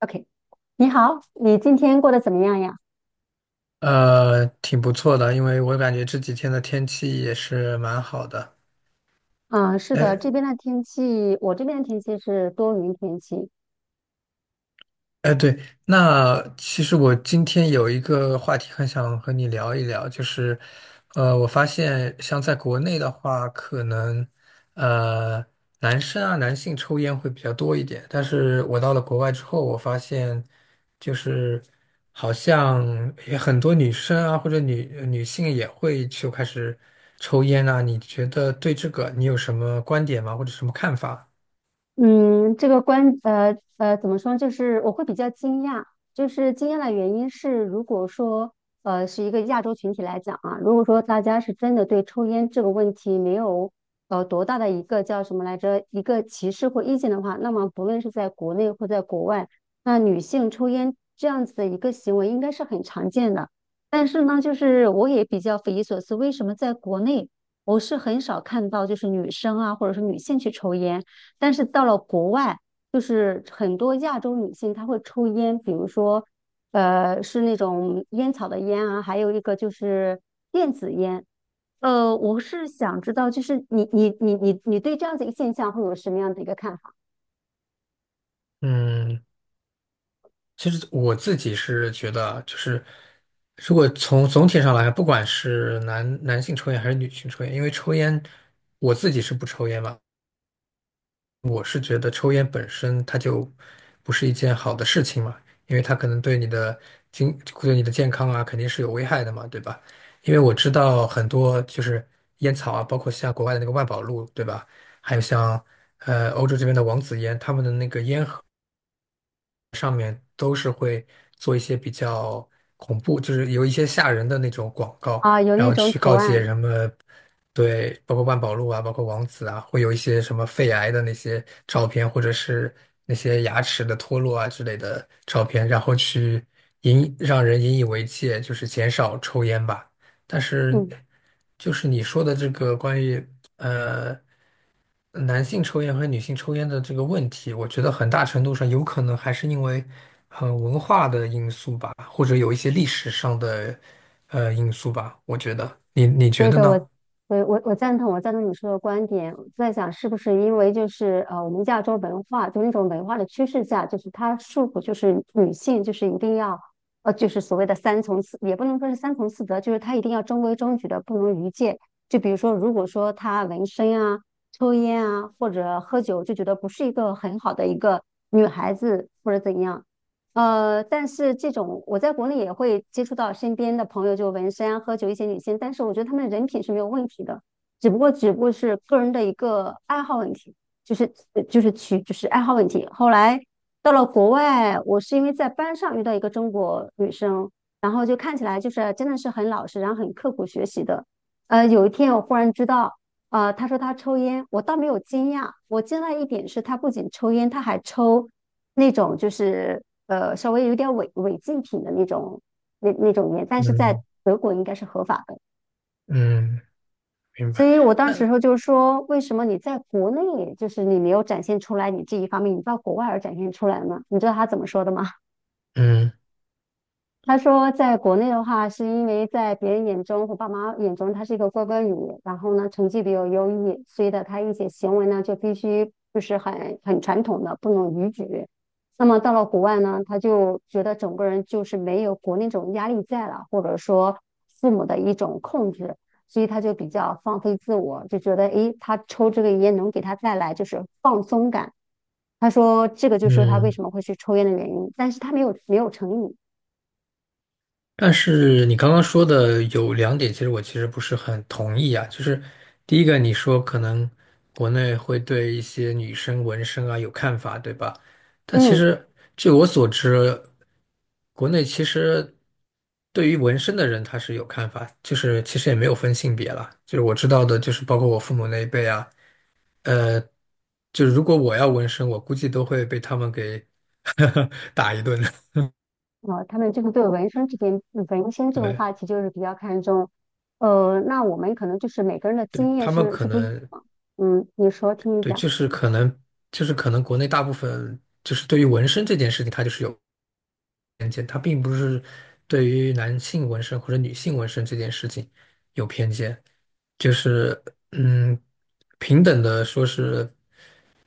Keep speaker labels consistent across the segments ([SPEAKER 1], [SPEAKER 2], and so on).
[SPEAKER 1] OK，你好，你今天过得怎么样呀？
[SPEAKER 2] 挺不错的，因为我感觉这几天的天气也是蛮好的。
[SPEAKER 1] 嗯，是的，这边的天气，我这边的天气是多云天气。
[SPEAKER 2] 哎，对，那其实我今天有一个话题很想和你聊一聊，就是，我发现像在国内的话，可能，呃，男生啊，男性抽烟会比较多一点，但是我到了国外之后，我发现，就是好像也很多女生啊，或者女性也会就开始抽烟啊，你觉得对这个你有什么观点吗？或者什么看法？
[SPEAKER 1] 嗯，这个怎么说呢，就是我会比较惊讶。就是惊讶的原因是，如果说是一个亚洲群体来讲啊，如果说大家是真的对抽烟这个问题没有多大的一个叫什么来着，一个歧视或意见的话，那么不论是在国内或在国外，那女性抽烟这样子的一个行为应该是很常见的。但是呢，就是我也比较匪夷所思，为什么在国内我是很少看到就是女生啊，或者是女性去抽烟？但是到了国外，就是很多亚洲女性她会抽烟。比如说，是那种烟草的烟啊，还有一个就是电子烟。我是想知道，就是你对这样子一个现象会有什么样的一个看法。
[SPEAKER 2] 嗯。其实我自己是觉得啊就是如果从总体上来看不管是男性抽烟还是女性抽烟，因为抽烟，我自己是不抽烟嘛，我是觉得抽烟本身它就不是一件好的事情嘛，因为它可能对你的对你的健康啊肯定是有危害的嘛，对吧？因为我知道很多就是烟草啊，包括像国外的那个万宝路，对吧？还有像欧洲这边的王子烟，他们的那个烟盒。都是会做一些比较恐怖，就是有一些吓人的那种广告，
[SPEAKER 1] 啊？有
[SPEAKER 2] 然
[SPEAKER 1] 那
[SPEAKER 2] 后
[SPEAKER 1] 种
[SPEAKER 2] 去
[SPEAKER 1] 图
[SPEAKER 2] 告诫
[SPEAKER 1] 案。
[SPEAKER 2] 人们，对，包括万宝路啊，包括王子啊，会有一些什么肺癌的那些照片，或者是那些牙齿的脱落啊之类的照片，然后去让人引以为戒，就是减少抽烟吧。但是，
[SPEAKER 1] 嗯。
[SPEAKER 2] 就是你说的这个关于。男性抽烟和女性抽烟的这个问题，我觉得很大程度上有可能还是因为，文化的因素吧，或者有一些历史上的，因素吧。我觉得，你觉
[SPEAKER 1] 对
[SPEAKER 2] 得
[SPEAKER 1] 的，我
[SPEAKER 2] 呢？
[SPEAKER 1] 我我我赞同，我赞同你说的观点。我在想，是不是因为就是，我们亚洲文化就那种文化的趋势下，就是它束缚，就是女性就是一定要就是所谓的三从四，也不能说是三从四德，就是她一定要中规中矩的，不能逾界。就比如说，如果说她纹身啊、抽烟啊或者喝酒，就觉得不是一个很好的一个女孩子或者怎样。但是这种我在国内也会接触到身边的朋友，就纹身啊、喝酒一些女性，但是我觉得她们人品是没有问题的。只不过是个人的一个爱好问题，就是呃就是取就是爱好问题。后来到了国外，我是因为在班上遇到一个中国女生，然后就看起来就是真的是很老实，然后很刻苦学习的。有一天我忽然知道。他说他抽烟，我倒没有惊讶。我惊讶一点是他不仅抽烟，他还抽那种就是稍微有点违禁品的那种那种烟，但是在
[SPEAKER 2] 嗯
[SPEAKER 1] 德国应该是合法的。
[SPEAKER 2] 嗯，明
[SPEAKER 1] 所
[SPEAKER 2] 白。
[SPEAKER 1] 以我当时
[SPEAKER 2] 那
[SPEAKER 1] 候就说，为什么你在国内就是你没有展现出来你这一方面，你到国外而展现出来呢？你知道他怎么说的吗？
[SPEAKER 2] 嗯
[SPEAKER 1] 他说，在国内的话，是因为在别人眼中或爸妈眼中，他是一个乖乖女，然后呢，成绩比较优异，所以的他一些行为呢，就必须就是很传统的，不能逾矩。那么到了国外呢，他就觉得整个人就是没有国内这种压力在了，或者说父母的一种控制，所以他就比较放飞自我，就觉得诶，他抽这个烟能给他带来就是放松感。他说这个就是他为
[SPEAKER 2] 嗯。
[SPEAKER 1] 什么会去抽烟的原因，但是他没有成瘾。
[SPEAKER 2] 但是你刚刚说的有两点，其实我其实不是很同意啊。就是第一个，你说可能国内会对一些女生纹身啊有看法，对吧？但其
[SPEAKER 1] 嗯。
[SPEAKER 2] 实据我所知，国内其实对于纹身的人他是有看法，就是其实也没有分性别啦。就是我知道的，就是包括我父母那一辈啊，呃，就是如果我要纹身，我估计都会被他们给 打一顿
[SPEAKER 1] 啊，他们这个对纹身这件这个
[SPEAKER 2] 对。
[SPEAKER 1] 话题就是比较看重。呃，那我们可能就是每个人的
[SPEAKER 2] 对，
[SPEAKER 1] 经验
[SPEAKER 2] 他们
[SPEAKER 1] 是
[SPEAKER 2] 可
[SPEAKER 1] 是不一样
[SPEAKER 2] 能
[SPEAKER 1] 的。嗯，你说，听你
[SPEAKER 2] 对，
[SPEAKER 1] 讲。
[SPEAKER 2] 就是可能，就是可能国内大部分就是对于纹身这件事情，它就是有偏见，它并不是对于男性纹身或者女性纹身这件事情有偏见，就是嗯，平等的说是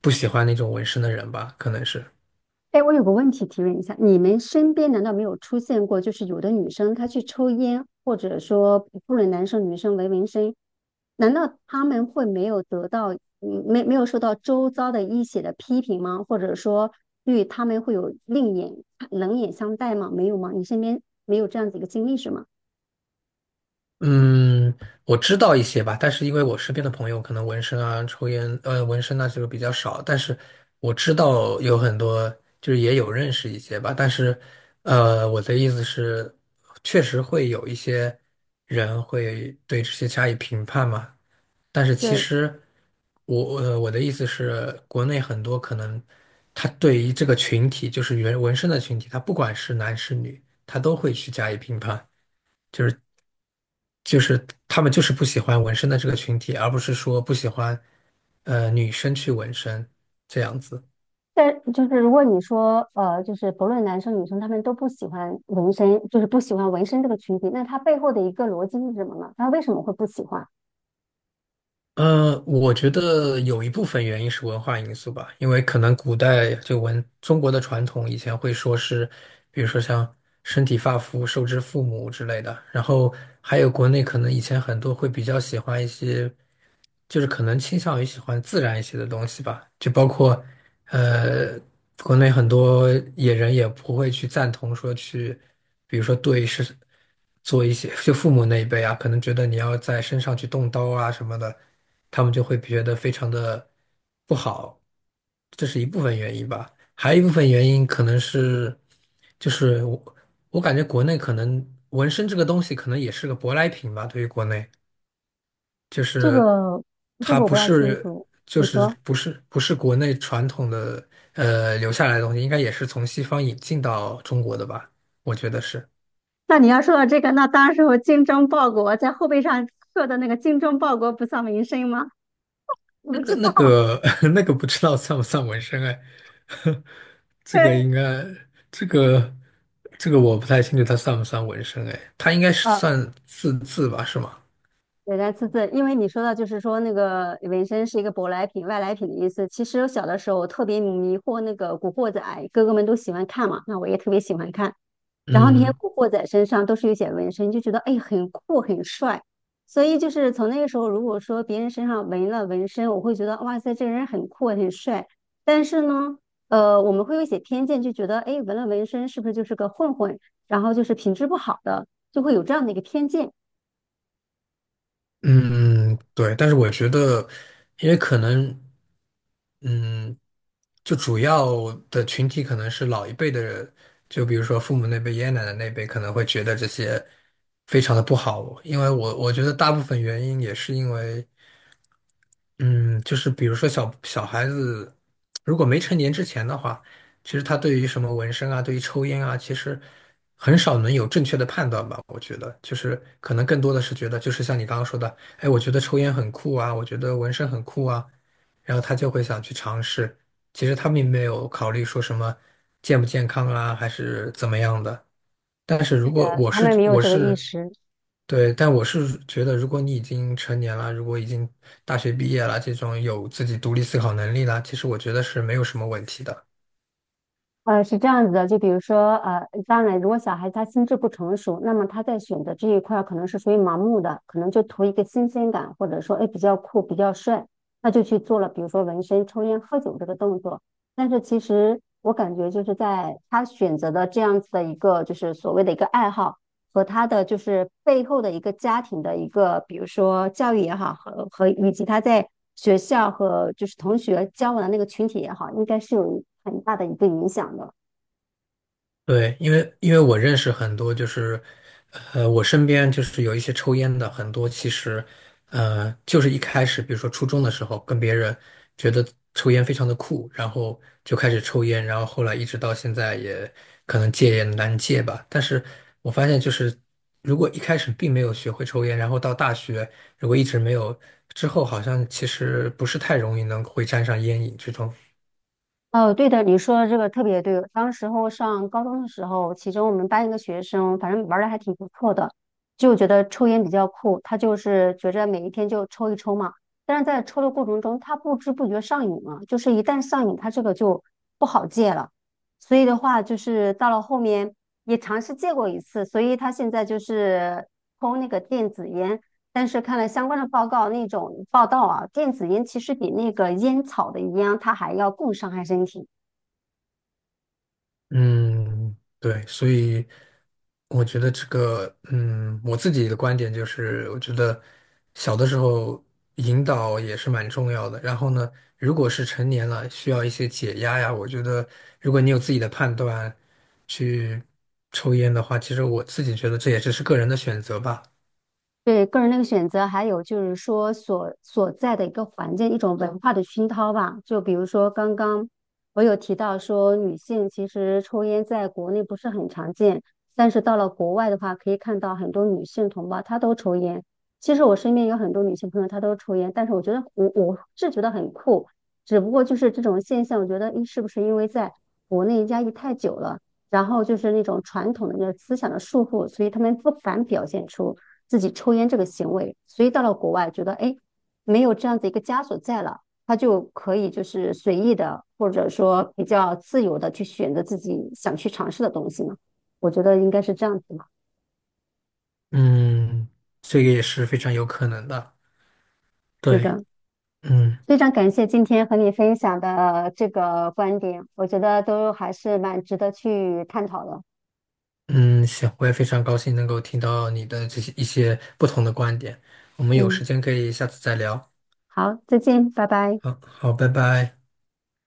[SPEAKER 2] 不喜欢那种纹身的人吧，可能是。
[SPEAKER 1] 哎，我有个问题提问一下，你们身边难道没有出现过，就是有的女生她去抽烟，或者说不论男生女生纹身，难道他们会没有得到，嗯没有受到周遭的一些的批评吗？或者说对他们会有另眼冷眼相待吗？没有吗？你身边没有这样子一个经历是吗？
[SPEAKER 2] 嗯，我知道一些吧，但是因为我身边的朋友可能纹身啊、抽烟，纹身啊这个比较少，但是我知道有很多，就是也有认识一些吧，但是，我的意思是，确实会有一些人会对这些加以评判嘛，但是其
[SPEAKER 1] 对。
[SPEAKER 2] 实我，我的意思是，国内很多可能他对于这个群体，就是纹身的群体，他不管是男是女，他都会去加以评判。就是。就是他们就是不喜欢纹身的这个群体，而不是说不喜欢女生去纹身这样子。
[SPEAKER 1] 但就是如果你说，就是不论男生女生，他们都不喜欢纹身，就是不喜欢纹身这个群体，那他背后的一个逻辑是什么呢？他为什么会不喜欢？
[SPEAKER 2] 我觉得有一部分原因是文化因素吧，因为可能古代中国的传统以前会说是，比如说像身体发肤受之父母之类的，然后还有国内可能以前很多会比较喜欢一些。就是可能倾向于喜欢自然一些的东西吧，就包括，呃，国内很多野人也不会去赞同说去，比如说做一些，就父母那一辈啊，可能觉得你要在身上去动刀啊什么的，他们就会觉得非常的不好，这是一部分原因吧，还有一部分原因可能是，就是我我感觉国内可能纹身这个东西可能也是个舶来品吧，对于国内。就
[SPEAKER 1] 这
[SPEAKER 2] 是
[SPEAKER 1] 个这
[SPEAKER 2] 它
[SPEAKER 1] 个我不
[SPEAKER 2] 不
[SPEAKER 1] 大清
[SPEAKER 2] 是
[SPEAKER 1] 楚，你说？
[SPEAKER 2] 不是国内传统的留下来的东西，应该也是从西方引进到中国的吧？我觉得是。
[SPEAKER 1] 那你要说到这个，那当时我精忠报国，在后背上刻的那个"精忠报国，不丧民生"吗？我
[SPEAKER 2] 那
[SPEAKER 1] 不
[SPEAKER 2] 个
[SPEAKER 1] 知
[SPEAKER 2] 那
[SPEAKER 1] 道。
[SPEAKER 2] 个 那个不知道算不算纹身哎，这个
[SPEAKER 1] 对。
[SPEAKER 2] 应该这个这个我不太清楚它算不算纹身哎，它应该是
[SPEAKER 1] 呃。
[SPEAKER 2] 算字吧，是吗？
[SPEAKER 1] 对，来自自，因为你说到就是说那个纹身是一个舶来品、外来品的意思。其实我小的时候我特别迷惑那个《古惑仔》，哥哥们都喜欢看嘛，那我也特别喜欢看。然后那些
[SPEAKER 2] 嗯。
[SPEAKER 1] 古惑仔身上都是有写纹身，就觉得哎很酷很帅。所以就是从那个时候，如果说别人身上纹了纹身，我会觉得哇塞，这个人很酷很帅。但是呢，我们会有一些偏见，就觉得哎纹了纹身是不是就是个混混，然后就是品质不好的，就会有这样的一个偏见。
[SPEAKER 2] 嗯，对，但是我觉得，因为可能，嗯，就主要的群体可能是老一辈的人，就比如说父母那辈、爷爷奶奶那辈，可能会觉得这些非常的不好，因为我觉得大部分原因也是因为。嗯，就是比如说小孩子，如果没成年之前的话，其实他对于什么纹身啊，对于抽烟啊，其实很少能有正确的判断吧。我觉得，就是可能更多的是觉得，就是像你刚刚说的，哎，我觉得抽烟很酷啊，我觉得纹身很酷啊，然后他就会想去尝试。其实他并没有考虑说什么健不健康啊，还是怎么样的。但是如果我
[SPEAKER 1] 他
[SPEAKER 2] 是
[SPEAKER 1] 们没有
[SPEAKER 2] 我
[SPEAKER 1] 这个意
[SPEAKER 2] 是
[SPEAKER 1] 识。
[SPEAKER 2] 对，但我是觉得，如果你已经成年了，如果已经大学毕业了，这种有自己独立思考能力了，其实我觉得是没有什么问题的。
[SPEAKER 1] 呃，是这样子的，就比如说，呃，当然，如果小孩他心智不成熟，那么他在选择这一块儿可能是属于盲目的，可能就图一个新鲜感，或者说，哎，比较酷，比较帅，那就去做了，比如说纹身、抽烟、喝酒这个动作。但是其实我感觉就是在他选择的这样子的一个，就是所谓的一个爱好。和他的就是背后的一个家庭的一个，比如说教育也好，和以及他在学校和就是同学交往的那个群体也好，应该是有很大的一个影响的。
[SPEAKER 2] 对，因为我认识很多，就是，我身边就是有一些抽烟的，很多其实，就是一开始，比如说初中的时候，跟别人觉得抽烟非常的酷，然后就开始抽烟，然后后来一直到现在也可能戒也难戒吧。但是我发现就是，如果一开始并没有学会抽烟，然后到大学如果一直没有，之后好像其实不是太容易能会沾上烟瘾这种。
[SPEAKER 1] 哦，对的，你说的这个特别对。当时候上高中的时候，其中我们班一个学生，反正玩的还挺不错的，就觉得抽烟比较酷，他就是觉着每一天就抽一抽嘛。但是在抽的过程中，他不知不觉上瘾了，就是一旦上瘾，他这个就不好戒了。所以的话，就是到了后面也尝试戒过一次，所以他现在就是抽那个电子烟，但是看了相关的报告，那种报道啊，电子烟其实比那个烟草的烟它还要更伤害身体。
[SPEAKER 2] 嗯，对，所以。我觉得这个，我自己的观点就是，我觉得小的时候引导也是蛮重要的。然后呢，如果是成年了，需要一些解压呀，我觉得如果你有自己的判断去抽烟的话，其实我自己觉得这也只是个人的选择吧。
[SPEAKER 1] 对个人那个选择，还有就是说所在的一个环境，一种文化的熏陶吧。就比如说刚刚我有提到说，女性其实抽烟在国内不是很常见，但是到了国外的话，可以看到很多女性同胞她都抽烟。其实我身边有很多女性朋友她都抽烟，但是我觉得我是觉得很酷，只不过就是这种现象，我觉得诶是不是因为在国内压抑太久了，然后就是那种传统的那个思想的束缚，所以他们不敢表现出自己抽烟这个行为，所以到了国外觉得哎，没有这样子一个枷锁在了，他就可以就是随意的或者说比较自由的去选择自己想去尝试的东西嘛。我觉得应该是这样子嘛。
[SPEAKER 2] 嗯，这个也是非常有可能的。
[SPEAKER 1] 是
[SPEAKER 2] 对，
[SPEAKER 1] 的，
[SPEAKER 2] 嗯
[SPEAKER 1] 非常感谢今天和你分享的这个观点，我觉得都还是蛮值得去探讨的。
[SPEAKER 2] 嗯，行，我也非常高兴能够听到你的这些一些不同的观点。我们有
[SPEAKER 1] 嗯，
[SPEAKER 2] 时间可以下次再聊。
[SPEAKER 1] 好，再见，拜拜。
[SPEAKER 2] 好，好，拜拜。